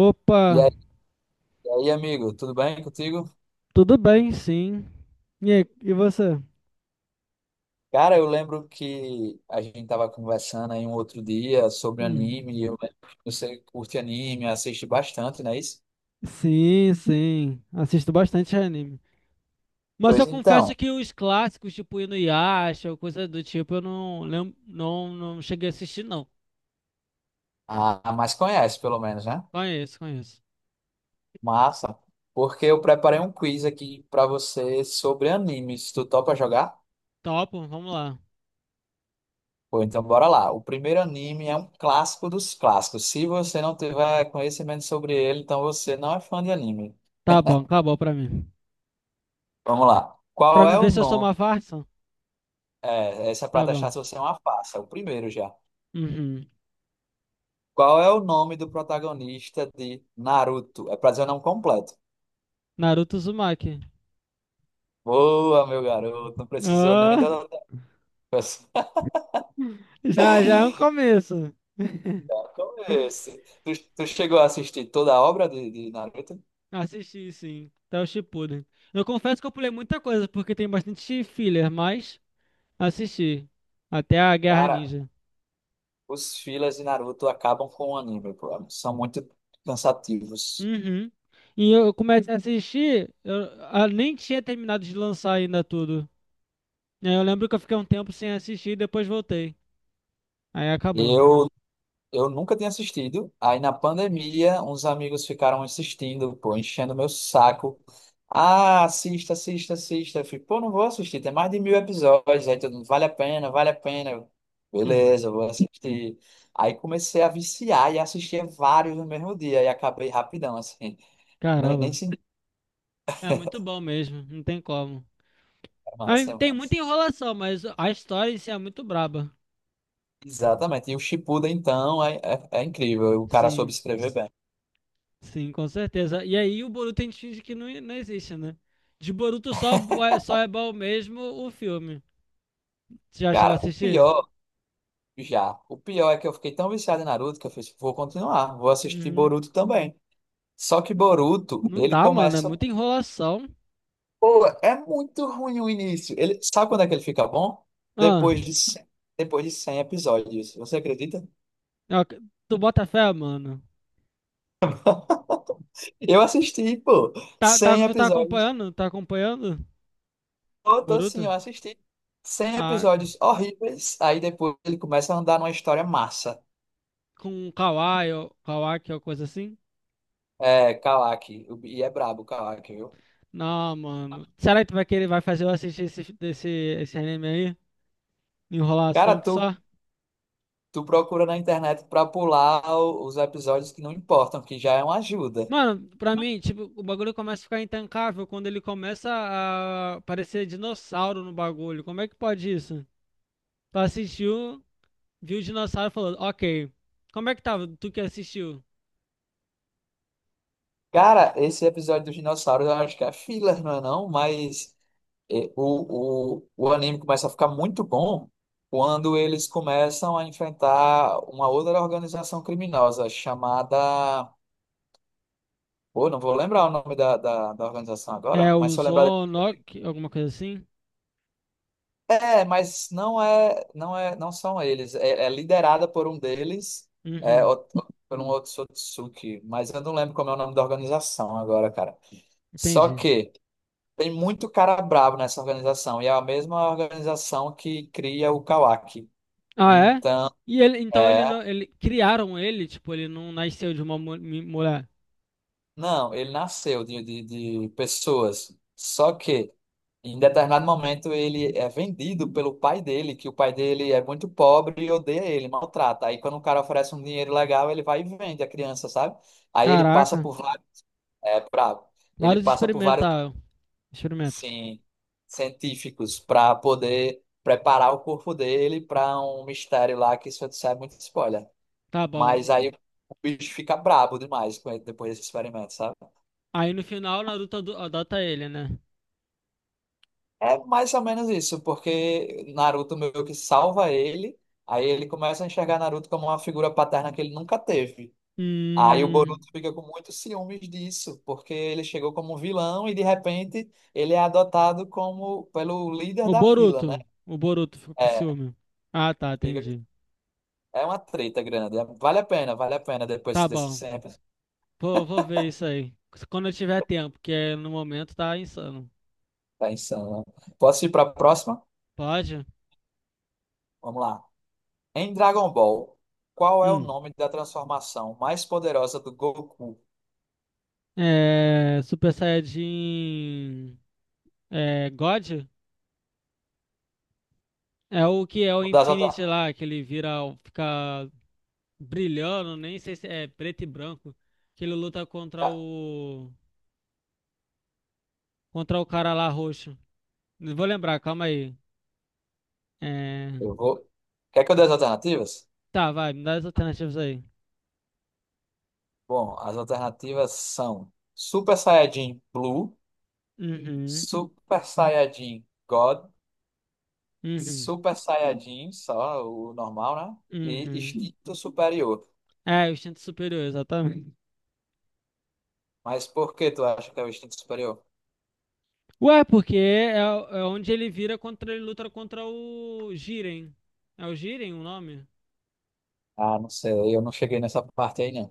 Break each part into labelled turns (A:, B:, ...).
A: Opa,
B: E aí, e aí, amigo, tudo bem contigo?
A: tudo bem, sim. E, aí, e você?
B: Cara, eu lembro que a gente tava conversando aí um outro dia sobre
A: Uhum.
B: anime. Eu lembro que você curte anime, assiste bastante, não é isso?
A: Sim. Assisto bastante anime. Mas eu
B: Pois
A: confesso
B: então,
A: que os clássicos, tipo Inuyasha ou coisa do tipo, eu não lembro, não, não cheguei a assistir, não.
B: a mais conhece, pelo menos, né?
A: Conheço.
B: Massa. Porque eu preparei um quiz aqui pra você sobre animes. Tu topa jogar?
A: Topo, vamos lá.
B: Pô, então bora lá. O primeiro anime é um clássico dos clássicos. Se você não tiver conhecimento sobre ele, então você não é fã de anime.
A: Tá bom, acabou pra mim.
B: Vamos lá.
A: Pra
B: Qual
A: me
B: é o
A: ver se eu sou
B: nome?
A: uma farsa?
B: É, essa é pra
A: Tá
B: testar
A: bom.
B: se você é uma farsa. O primeiro já.
A: Uhum.
B: Qual é o nome do protagonista de Naruto? É pra dizer o nome completo.
A: Naruto Uzumaki.
B: Boa, meu garoto. Não precisou nem
A: Ah,
B: da outra pessoa.
A: já é um começo.
B: Como é esse? Tu chegou a assistir toda a obra de Naruto?
A: Assisti, sim. Até o Shippuden. Eu confesso que eu pulei muita coisa, porque tem bastante filler, mas assisti. Até a Guerra
B: Cara,
A: Ninja.
B: os fillers de Naruto acabam com o anime, pô. São muito cansativos.
A: Uhum. E eu comecei a assistir, eu nem tinha terminado de lançar ainda tudo. E aí eu lembro que eu fiquei um tempo sem assistir e depois voltei. Aí acabou.
B: Eu Eu nunca tinha assistido. Aí na pandemia, uns amigos ficaram assistindo, pô, enchendo meu saco. Ah, assista, assista, assista. Eu fico, pô, não vou assistir, tem mais de mil episódios. Aí todo mundo, vale a pena, vale a pena.
A: Hum.
B: Beleza, eu vou assistir. Aí comecei a viciar e assistia vários no mesmo dia. E acabei rapidão, assim. Nem
A: Caramba.
B: senti
A: É muito bom mesmo, não tem como.
B: a massa,
A: Aí
B: a
A: tem
B: massa.
A: muita enrolação, mas a história em si é muito braba.
B: Exatamente. E o Shippuden, então, é incrível. O cara soube
A: Sim.
B: escrever bem.
A: Sim, com certeza. E aí o Boruto a gente finge que não, não existe, né? De Boruto só, só é bom mesmo o filme. Você já chegou a
B: Cara, o
A: assistir?
B: pior. Já. O pior é que eu fiquei tão viciado em Naruto que eu fiz, vou continuar, vou assistir
A: Uhum.
B: Boruto também. Só que Boruto,
A: Não
B: ele
A: dá, mano. É
B: começa.
A: muita enrolação.
B: Pô, é muito ruim o início. Ele... Sabe quando é que ele fica bom?
A: Ah,
B: Depois de 100, depois de cem episódios. Você acredita?
A: ó, tu bota fé, mano.
B: Eu assisti, pô,
A: Tá,
B: 100
A: tu tá
B: episódios.
A: acompanhando? Tá acompanhando?
B: Eu tô assim, eu
A: Boruto?
B: assisti 100
A: Ah,
B: episódios horríveis. Aí depois ele começa a andar numa história massa.
A: com o Kawai ou Kawaki ou coisa assim?
B: É, Kawaki. E é brabo o Kawaki, viu?
A: Não, mano. Será que tu vai querer, vai fazer eu assistir esse anime aí? Enrolação
B: Cara,
A: que
B: tu
A: só?
B: Tu procura na internet pra pular os episódios que não importam, que já é uma ajuda.
A: Mano, pra mim, tipo, o bagulho começa a ficar intancável quando ele começa a aparecer dinossauro no bagulho. Como é que pode isso? Tu assistiu, viu o dinossauro e falou, ok. Como é que tava? Tu que assistiu?
B: Cara, esse episódio dos dinossauros eu acho que é filler, não é não? Mas o anime começa a ficar muito bom quando eles começam a enfrentar uma outra organização criminosa chamada... Pô, não vou lembrar o nome da organização
A: É
B: agora, mas
A: o
B: se eu lembrar...
A: Zonoc,
B: depois.
A: alguma coisa assim?
B: É, mas não são eles. É, é liderada por um deles, é,
A: Uhum,
B: o- por um Otsutsuki, mas eu não lembro como é o nome da organização agora, cara. Só
A: entendi.
B: que tem muito cara bravo nessa organização, e é a mesma organização que cria o Kawaki.
A: Ah, é?
B: Então,
A: E ele, então ele
B: é,
A: não, ele criaram ele, tipo, ele não nasceu de uma mulher.
B: Não, ele nasceu de pessoas. Só que, em determinado momento, ele é vendido pelo pai dele, que o pai dele é muito pobre e odeia ele, maltrata. Aí, quando o cara oferece um dinheiro legal, ele vai e vende a criança, sabe? Aí ele passa
A: Caraca,
B: por vários, bravo. Ele
A: vários
B: passa por vários,
A: experimentaram, experimentos.
B: sim, científicos para poder preparar o corpo dele para um mistério lá, que isso é muito spoiler.
A: Tá bom.
B: Mas aí o bicho fica brabo demais com ele depois desse experimento, sabe?
A: Aí no final, Naruto adota ele, né?
B: É mais ou menos isso, porque Naruto meio que salva ele, aí ele começa a enxergar Naruto como uma figura paterna que ele nunca teve. Aí o Boruto
A: Hum,
B: fica com muitos ciúmes disso, porque ele chegou como vilão e de repente ele é adotado como pelo líder
A: o
B: da vila, né?
A: Boruto. O Boruto ficou com
B: É,
A: ciúme. Ah, tá,
B: fica-
A: entendi.
B: é uma treta grande. Vale a pena depois
A: Tá
B: desse
A: bom.
B: sempre.
A: Vou ver isso aí. Quando eu tiver tempo, que é no momento tá insano.
B: Tá insano. Né? Posso ir para a próxima?
A: Pode?
B: Vamos lá. Em Dragon Ball, qual é o
A: Hum.
B: nome da transformação mais poderosa do Goku?
A: É, Super Saiyajin. É, God? É o que é o
B: Das
A: Infinity lá, que ele vira, fica brilhando, nem sei se é preto e branco. Que ele luta contra
B: Ah,
A: o. Contra o cara lá roxo. Vou lembrar, calma aí. É,
B: Eu vou. Quer que eu dê as alternativas?
A: tá, vai, me dá as alternativas aí.
B: Bom, as alternativas são Super Saiyajin Blue,
A: Uhum,
B: Super Saiyajin God,
A: uhum,
B: Super Saiyajin, só o normal, né? E
A: uhum.
B: Instinto Superior.
A: É, o instinto superior, exatamente.
B: Mas por que tu acha que é o Instinto Superior?
A: Ué, porque é onde ele vira contra, ele luta contra o Jiren. É o Jiren o nome?
B: Ah, não sei, eu não cheguei nessa parte aí, não.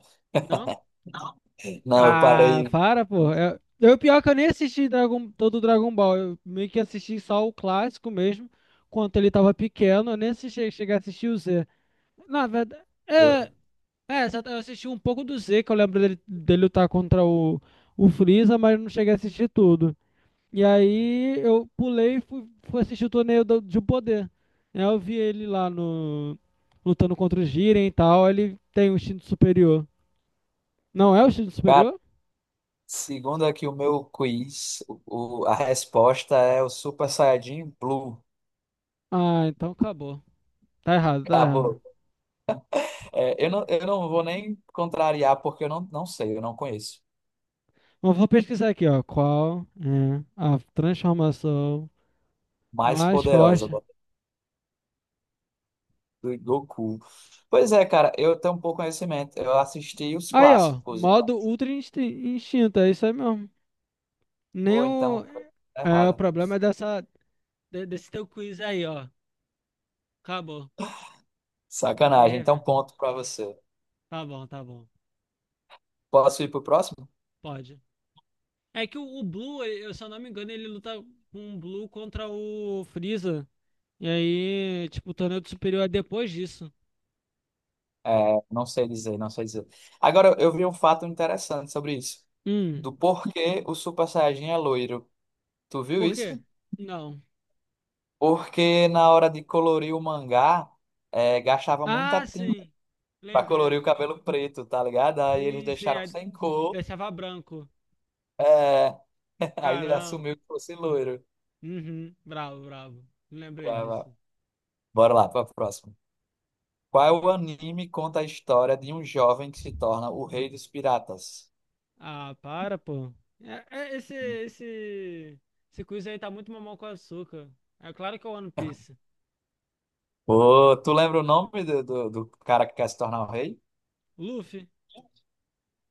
A: Não?
B: Não, eu
A: Ah,
B: parei.
A: para, pô. Eu pior que eu nem assisti Dragon, todo o Dragon Ball. Eu meio que assisti só o clássico mesmo, quando ele tava pequeno. Eu nem assisti, cheguei a assistir o Z. Na verdade,
B: eu-
A: eu assisti um pouco do Z, que eu lembro dele lutar contra o Freeza, mas não cheguei a assistir tudo. E aí eu pulei e fui, fui assistir o torneio do, de poder. Aí eu vi ele lá no lutando contra o Jiren e tal. Ele tem um instinto superior. Não é o instinto
B: Cara,
A: superior?
B: segundo aqui o meu quiz, a resposta é o Super Saiyajin Blue.
A: Ah, então acabou. Tá errado, tá
B: Acabou.
A: errado.
B: É, eu não vou nem contrariar, porque eu não, não sei, eu não conheço.
A: Mas eu vou pesquisar aqui, ó. Qual é a transformação
B: Mais
A: mais
B: poderosa
A: forte?
B: do Goku. Pois é, cara, eu tenho um pouco conhecimento. Eu assisti os
A: Aí, ó.
B: clássicos.
A: Modo Ultra Instinto. É isso aí mesmo. Nem
B: Ou então,
A: o.
B: coisa tá
A: É, o
B: errada.
A: problema é dessa, desse teu quiz aí, ó. Acabou. Tem que
B: Sacanagem. Então,
A: rever.
B: ponto pra você.
A: Tá bom.
B: Posso ir pro próximo?
A: Pode. É que o Blue, eu, se eu não me engano, ele luta com o Blue contra o Freeza. E aí, tipo, o torneio do superior é depois disso.
B: É, não sei dizer. Agora, eu vi um fato interessante sobre isso.
A: Hum,
B: Do porquê o Super Saiyajin é loiro. Tu viu
A: por quê?
B: isso?
A: Não.
B: Porque na hora de colorir o mangá, gastava muita
A: Ah,
B: tinta
A: sim.
B: pra colorir
A: Lembrei.
B: o cabelo preto, tá ligado? Aí eles
A: Sim, sim.
B: deixaram
A: Aí
B: sem cor,
A: deixava branco.
B: aí ele
A: Caramba.
B: assumiu que fosse loiro.
A: Uhum. Bravo, bravo. Lembrei
B: Brava.
A: disso.
B: Bora lá, pra próxima. Qual anime conta a história de um jovem que se torna o rei dos piratas?
A: Ah, para, pô. É, é, esse, esse, esse quiz aí tá muito mamão com açúcar. É claro que é o One Piece.
B: Ô, tu lembra o nome do cara que quer se tornar o rei?
A: Luffy.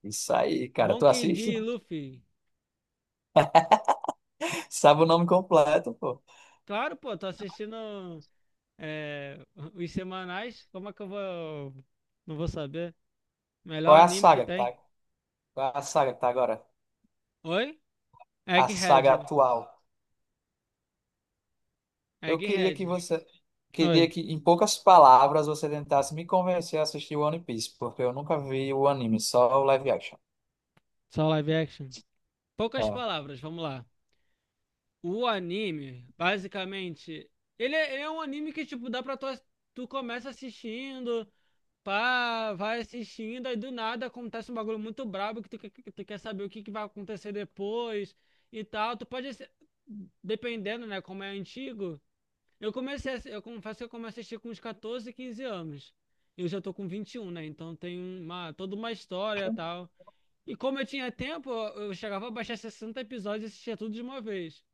B: Isso aí, cara. Tu
A: Monkey
B: assiste?
A: D. Luffy.
B: Sabe o nome completo, pô.
A: Claro, pô, tô assistindo é, os semanais. Como é que eu vou. Não vou saber.
B: Qual
A: Melhor
B: é a
A: anime que
B: saga que
A: tem.
B: tá? Qual é a saga que tá agora?
A: Oi?
B: A saga
A: Egghead.
B: atual. Eu queria que
A: Egghead.
B: você, queria
A: Oi.
B: que, em poucas palavras, você tentasse me convencer a assistir One Piece, porque eu nunca vi o anime, só o live action.
A: Só live action. Poucas
B: Tá?
A: palavras, vamos lá. O anime, basicamente. Ele é um anime que, tipo, dá pra tu, tu começa assistindo. Pá, vai assistindo, aí do nada acontece um bagulho muito brabo que tu, que tu quer saber o que, que vai acontecer depois e tal. Tu pode, dependendo, né, como é antigo. Eu comecei, eu confesso que eu comecei a assistir com uns 14, 15 anos. Eu já tô com 21, né? Então tem uma, toda uma história e tal. E como eu tinha tempo, eu chegava a baixar 60 episódios e assistia tudo de uma vez.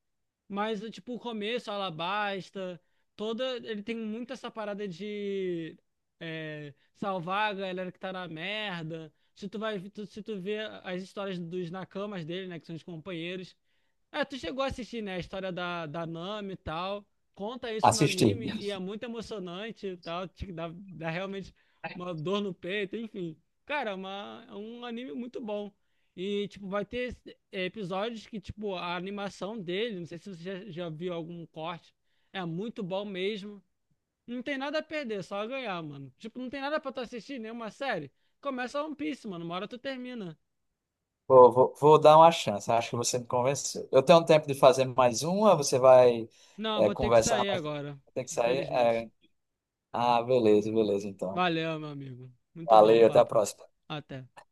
A: Mas, tipo, o começo, Alabasta, toda. Ele tem muito essa parada de salvar a galera que tá na merda. Se tu vai, se tu vê as histórias dos nakamas dele, né, que são os companheiros, tu chegou a assistir, né, a história da Nami e tal. Conta isso no
B: Assisti.
A: anime e é muito emocionante e tal. Te dá, dá realmente uma dor no peito, enfim. Cara, é um anime muito bom. E, tipo, vai ter episódios que, tipo, a animação dele, não sei se você já viu algum corte, é muito bom mesmo. Não tem nada a perder, só a ganhar, mano. Tipo, não tem nada pra tu assistir, nenhuma série. Começa One Piece, mano. Uma hora tu termina.
B: Vou dar uma chance, acho que você me convenceu. Eu tenho tempo de fazer mais uma, você vai,
A: Não, eu vou ter que
B: conversar
A: sair
B: mais.
A: agora,
B: Tem que sair?
A: infelizmente.
B: É. Ah, beleza, então.
A: Valeu, meu amigo. Muito bom o
B: Valeu, até a
A: papo.
B: próxima.
A: Até.